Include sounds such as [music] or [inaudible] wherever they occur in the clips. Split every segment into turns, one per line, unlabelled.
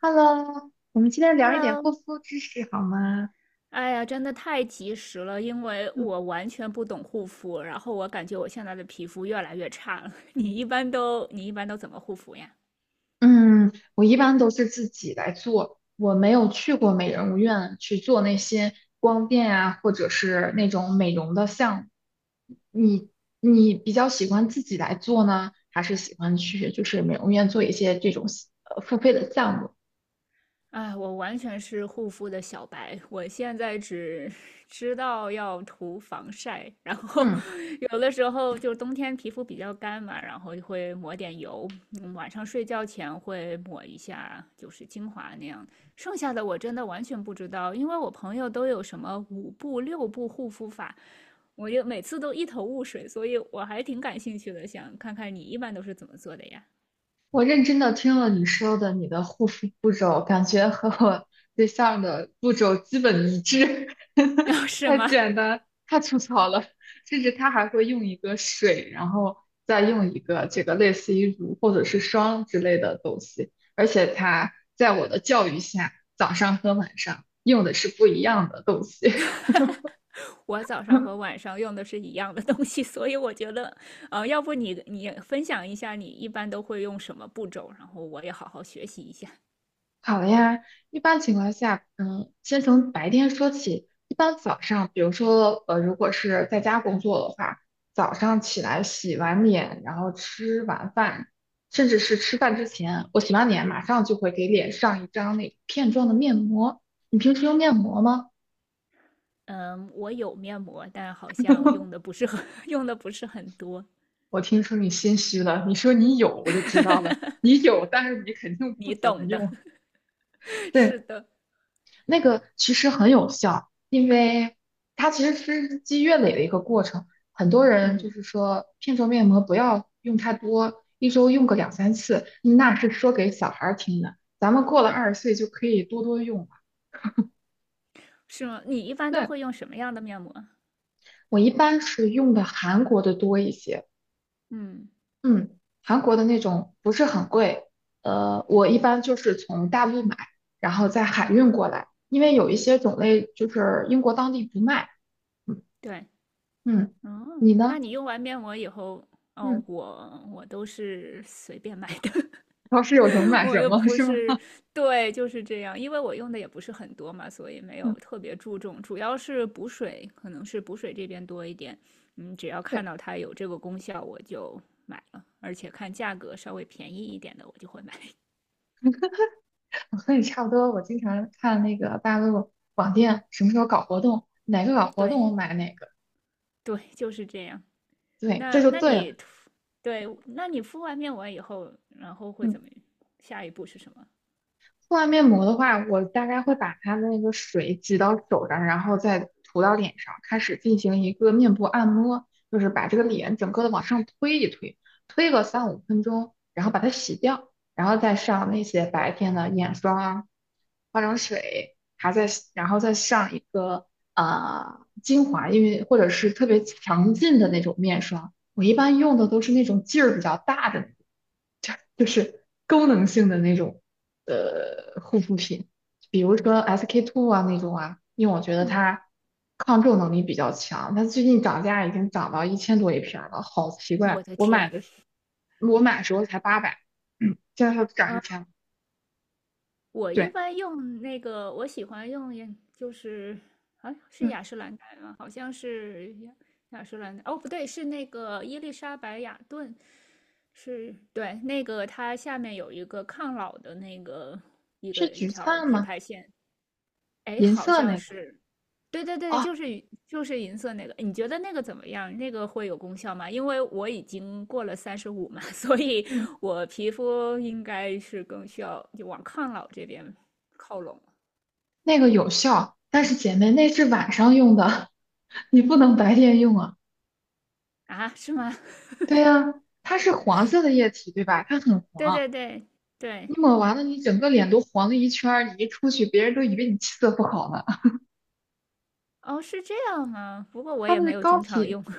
Hello，我们今天聊一点护
Hello，
肤知识好吗？
哎呀，真的太及时了，因为
嗯
我完全不懂护肤，然后我感觉我现在的皮肤越来越差了。[laughs] 你一般都怎么护肤呀？
嗯，我一般都是自己来做，我没有去过美容院去做那些光电啊，或者是那种美容的项目。你你比较喜欢自己来做呢，还是喜欢去就是美容院做一些这种付费的项目？
哎，我完全是护肤的小白，我现在只 [laughs] 知道要涂防晒，然后
嗯。
[laughs] 有的时候就冬天皮肤比较干嘛，然后就会抹点油，晚上睡觉前会抹一下，就是精华那样。剩下的我真的完全不知道，因为我朋友都有什么五步六步护肤法，我就每次都一头雾水，所以我还挺感兴趣的，想看看你一般都是怎么做的呀？
我认真的听了你说的你的护肤步骤，感觉和我对象的步骤基本一致，
[laughs]
[laughs]
哦，是
太
吗？
简单，太粗糙了。甚至他还会用一个水，然后再用一个这个类似于乳或者是霜之类的东西，而且他在我的教育下，早上和晚上用的是不一样的东西。
[laughs] 哈哈，我早上和
[laughs]
晚上用的是一样的东西，所以我觉得，要不你分享一下你一般都会用什么步骤，然后我也好好学习一下。
好的呀，一般情况下，嗯，先从白天说起。一般早上，比如说，如果是在家工作的话，早上起来洗完脸，然后吃完饭，甚至是吃饭之前，我洗完脸马上就会给脸上一张那片状的面膜。你平时用面膜吗？
嗯，我有面膜，但好像用的不是很 [laughs] 用的不是很多，
我听说你心虚了，你说你有，我就
[laughs]
知
哈
道了，
哈，
你有，但是你肯定不
你
怎么
懂的。
用。
[laughs] 是
对，
的，
那个其实很有效，因为它其实是日积月累的一个过程。很多人就
嗯，
是说，片状面膜不要用太多，一周用个两三次，嗯那是说给小孩儿听的。咱们过了20岁就可以多多用了。
是吗？你一般都
那
会用什么样的面膜？
我一般是用的韩国的多一些，
嗯
嗯，韩国的那种不是很贵，我一般就是从大陆买，然后再海运
嗯，
过来，因为有一些种类就是英国当地不卖，嗯
对，
嗯，你
哦，
呢？
那你用完面膜以后，
嗯，
哦，我都是随便买的。[laughs]
超市有什么
[laughs]
买
我
什
又
么，
不
是吗？
是，对，就是这样，因为我用的也不是很多嘛，所以没
[laughs]
有
嗯，
特别注重，主要是补水，可能是补水这边多一点。嗯，只要看
对，
到它有这个功效，我就买了，而且看价格稍微便宜一点的，我就会买。[laughs]
我和你差不多。我经常看那个大陆网店什么时候搞活动，哪个搞活动我
对
买哪个。
对，就是这样。
对，这
那
就
那
对
你
了。
涂，对，那你敷完面膜以后，然后会
嗯。
怎么？下一步是什么？
敷完面膜的话，我大概会把它的那个水挤到手上，然后再涂到脸上，开始进行一个面部按摩，就是把这个
嗯
脸整个的往上推一推，推个三五分钟，然后把它洗掉，然后再上那些白天的眼霜啊、化妆水，还在，然后再上一个精华，因为或者是特别强劲的那种面霜，我一般用的都是那种劲儿比较大的，[laughs] 就是功能性的那种护肤品，比如说 SK two 啊那种啊，因为我觉得
嗯，
它抗皱能力比较强，它最近涨价已经涨到1000多一瓶儿了，好奇
我
怪！
的天，
我买的时候才八百，嗯，现在它涨一千了。
我一
对，
般用那个，我喜欢用眼就是啊，是
嗯，
雅诗兰黛吗？好像是雅诗兰黛。哦，不对，是那个伊丽莎白雅顿，是对那个它下面有一个抗老的那个一个
是
一
橘
条
灿
品
吗？
牌线。哎，
银
好
色
像
那个
是，对对对，
啊，
就是银就是银色那个，你觉得那个怎么样？那个会有功效吗？因为我已经过了35嘛，[laughs] 所以
嗯，
我皮肤应该是更需要就往抗老这边靠拢了
那个有效，但是姐妹那是晚上用的，[laughs] 你不能白天用啊。
啊？是吗？
对
[laughs]
呀、它是黄色的液体，对吧？它很
对
黄。
对对对，
你抹完了，你整个脸都黄了一圈儿，你一出去，别人都以为你气色不好呢。[laughs]
哦，是这样吗？不过我
它
也
的
没有
膏
经常
体，
用。[laughs]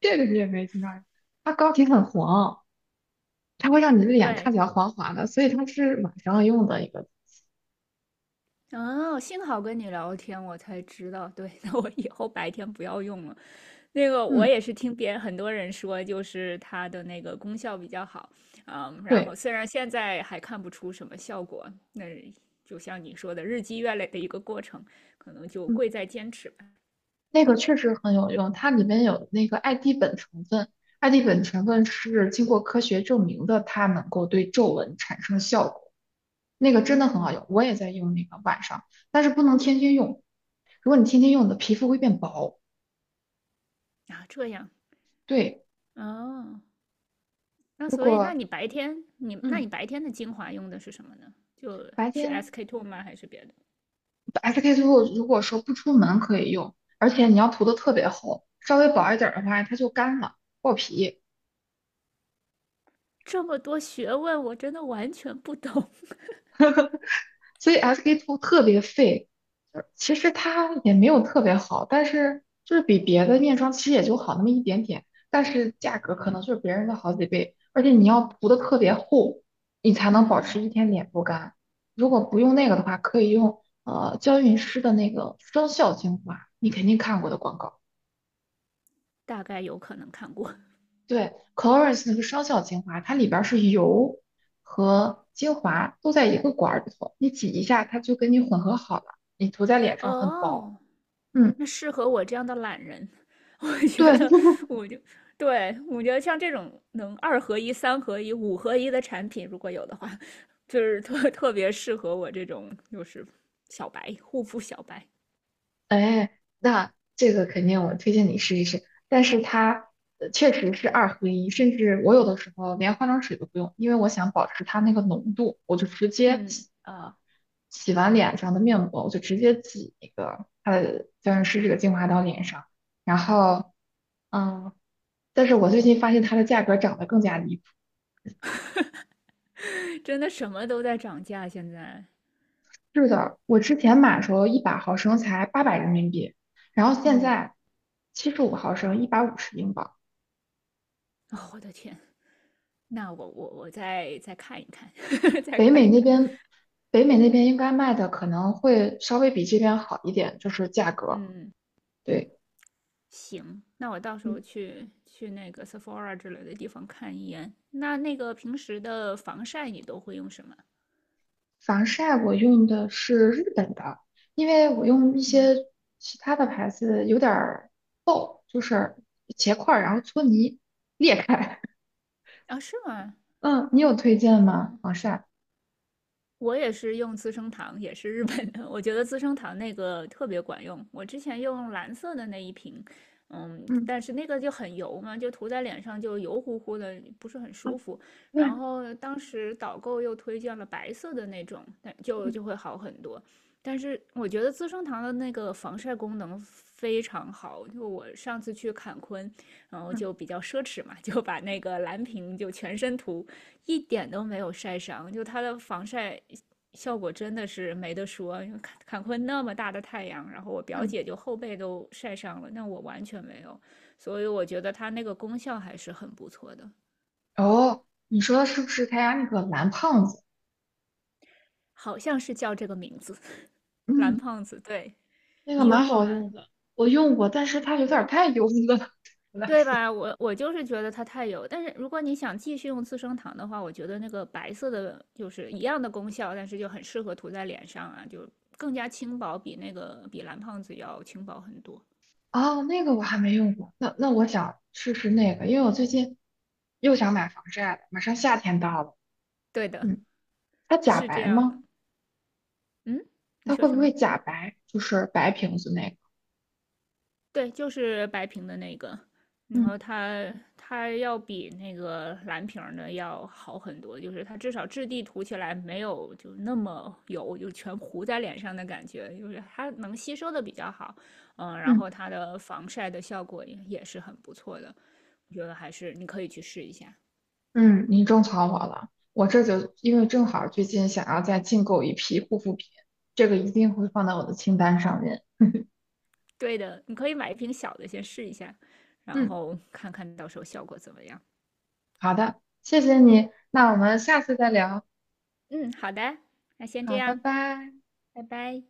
这个你也没听到呀？它膏体很黄，它会让你的脸
对，
看起来黄黄的，所以它是晚上用的一个。
哦，幸好跟你聊天，我才知道。对，[laughs] 那我以后白天不要用了。那个我
嗯，
也是听别人很多人说，就是它的那个功效比较好，嗯，然后
对，
虽然现在还看不出什么效果，那就像你说的，日积月累的一个过程，可能就
嗯，
贵在坚持吧。
那个确实很有用，它里面有那个艾地苯成分，艾地苯成分是经过科学证明的，它能够对皱纹产生效果，那个真的很好
嗯，
用，我也在用那个晚上，但是不能天天用，如果你天天用，你的皮肤会变薄。
啊，这样，
对。
哦，那
如
所以，那
果
你白天你那
嗯
你白天的精华用的是什么呢？就
白
是
天
SK-II two 吗？还是别的？
SK two 如果说不出门可以用，而且你要涂的特别厚，稍微薄一点儿的话它就干了爆皮，
这么多学问，我真的完全不懂。
所以 SK two 特别费。就是其实它也没有特别好，但是就是比别的面霜其实也就好那么一点点，但是价
[laughs]
格可
嗯
能就是别人的好几倍，而且你要涂的特别厚，你才能保
嗯，
持一天脸不干。如果不用那个的话，可以用娇韵诗的那个双效精华，你肯定看过的广告。
大概有可能看过。
对，Clarins 那个双效精华，它里边儿是油和精华都在一个管儿里头，你挤一下，它就跟你混合好了，你涂在脸上很薄。
哦，
嗯，
那适合我这样的懒人。[laughs] 我
对，
觉得
[laughs]
我就对我觉得像这种能二合一、三合一、五合一的产品，如果有的话，就是特 [laughs] 特别适合我这种就是小白护肤小白。
哎，那这个肯定我推荐你试一试，但是它确实是二合一，甚至我有的时候连化妆水都不用，因为我想保持它那个浓度，我就直接
嗯，
洗完脸上的面膜，我就直接挤那个它的娇韵诗这个精华到脸上，然后。嗯，但是我最近发现它的价格涨得更加离谱。
真的什么都在涨价，现在。
是的，我之前买的时候100毫升才800人民币，然后现
嗯，
在75毫升150英镑。
哦，我的天，那我再看一看，[laughs] 再
北
看
美
一
那
看。
边，北美那边应该卖的可能会稍微比这边好一点，就是价格。
嗯，
对，
行，那我到时
嗯，
候去那个 Sephora 之类的地方看一眼。那那个平时的防晒你都会用什么？
防晒我用的是日本的，因为我用一
嗯，
些其他的牌子有点儿就是结块儿，然后搓泥裂开。
啊，是吗？
[laughs] 嗯，你有推荐吗？
嗯。
防晒？
我也是用资生堂，也是日本的。我觉得资生堂那个特别管用。我之前用蓝色的那一瓶，嗯，
嗯，
但是那个就很油嘛，就涂在脸上就油乎乎的，不是很舒服。然
对，
后当时导购又推荐了白色的那种，那就会好很多。但是我觉得资生堂的那个防晒功能非常好，就我上次去坎昆，然后就比较奢侈嘛，就把那个蓝瓶就全身涂，一点都没有晒伤，就它的防晒效果真的是没得说，因为坎昆那么大的太阳，然后我表
嗯。
姐就后背都晒伤了，那我完全没有，所以我觉得它那个功效还是很不错的，
哦，你说的是不是他家那个蓝胖子？
好像是叫这个名字，[laughs] 蓝
嗯，
胖子，对
那个
你
蛮
用过
好
吗？
用的，我用过，但是它有点儿太油了，[laughs] 对我来
对
说。
吧？我就是觉得它太油，但是如果你想继续用资生堂的话，我觉得那个白色的就是一样的功效，但是就很适合涂在脸上啊，就更加轻薄，比那个比蓝胖子要轻薄很多。
哦，那个我还没用过，那我想试试那个，因为我最近又想买防晒了，马上夏天到了。
对的，
嗯，它假
是这
白
样的。
吗？
嗯，你
它
说
会不
什
会
么？
假白？就是白瓶子那个。
对，就是白瓶的那个，然
嗯，
后它要比那个蓝瓶儿的要好很多，就是它至少质地涂起来没有就那么油，就全糊在脸上的感觉，就是它能吸收的比较好，嗯，然
嗯
后它的防晒的效果也是很不错的，我觉得还是你可以去试一下。
嗯，你种草我了，我这就因为正好最近想要再进购一批护肤品，这个一定会放到我的清单上面。[laughs]
对的，你可以买一瓶小的先试一下，然
嗯。
后看看到时候效果怎么样。
好的，谢谢你，那我们下次再聊。
嗯，好的，那先这
好，拜
样，
拜。
拜拜。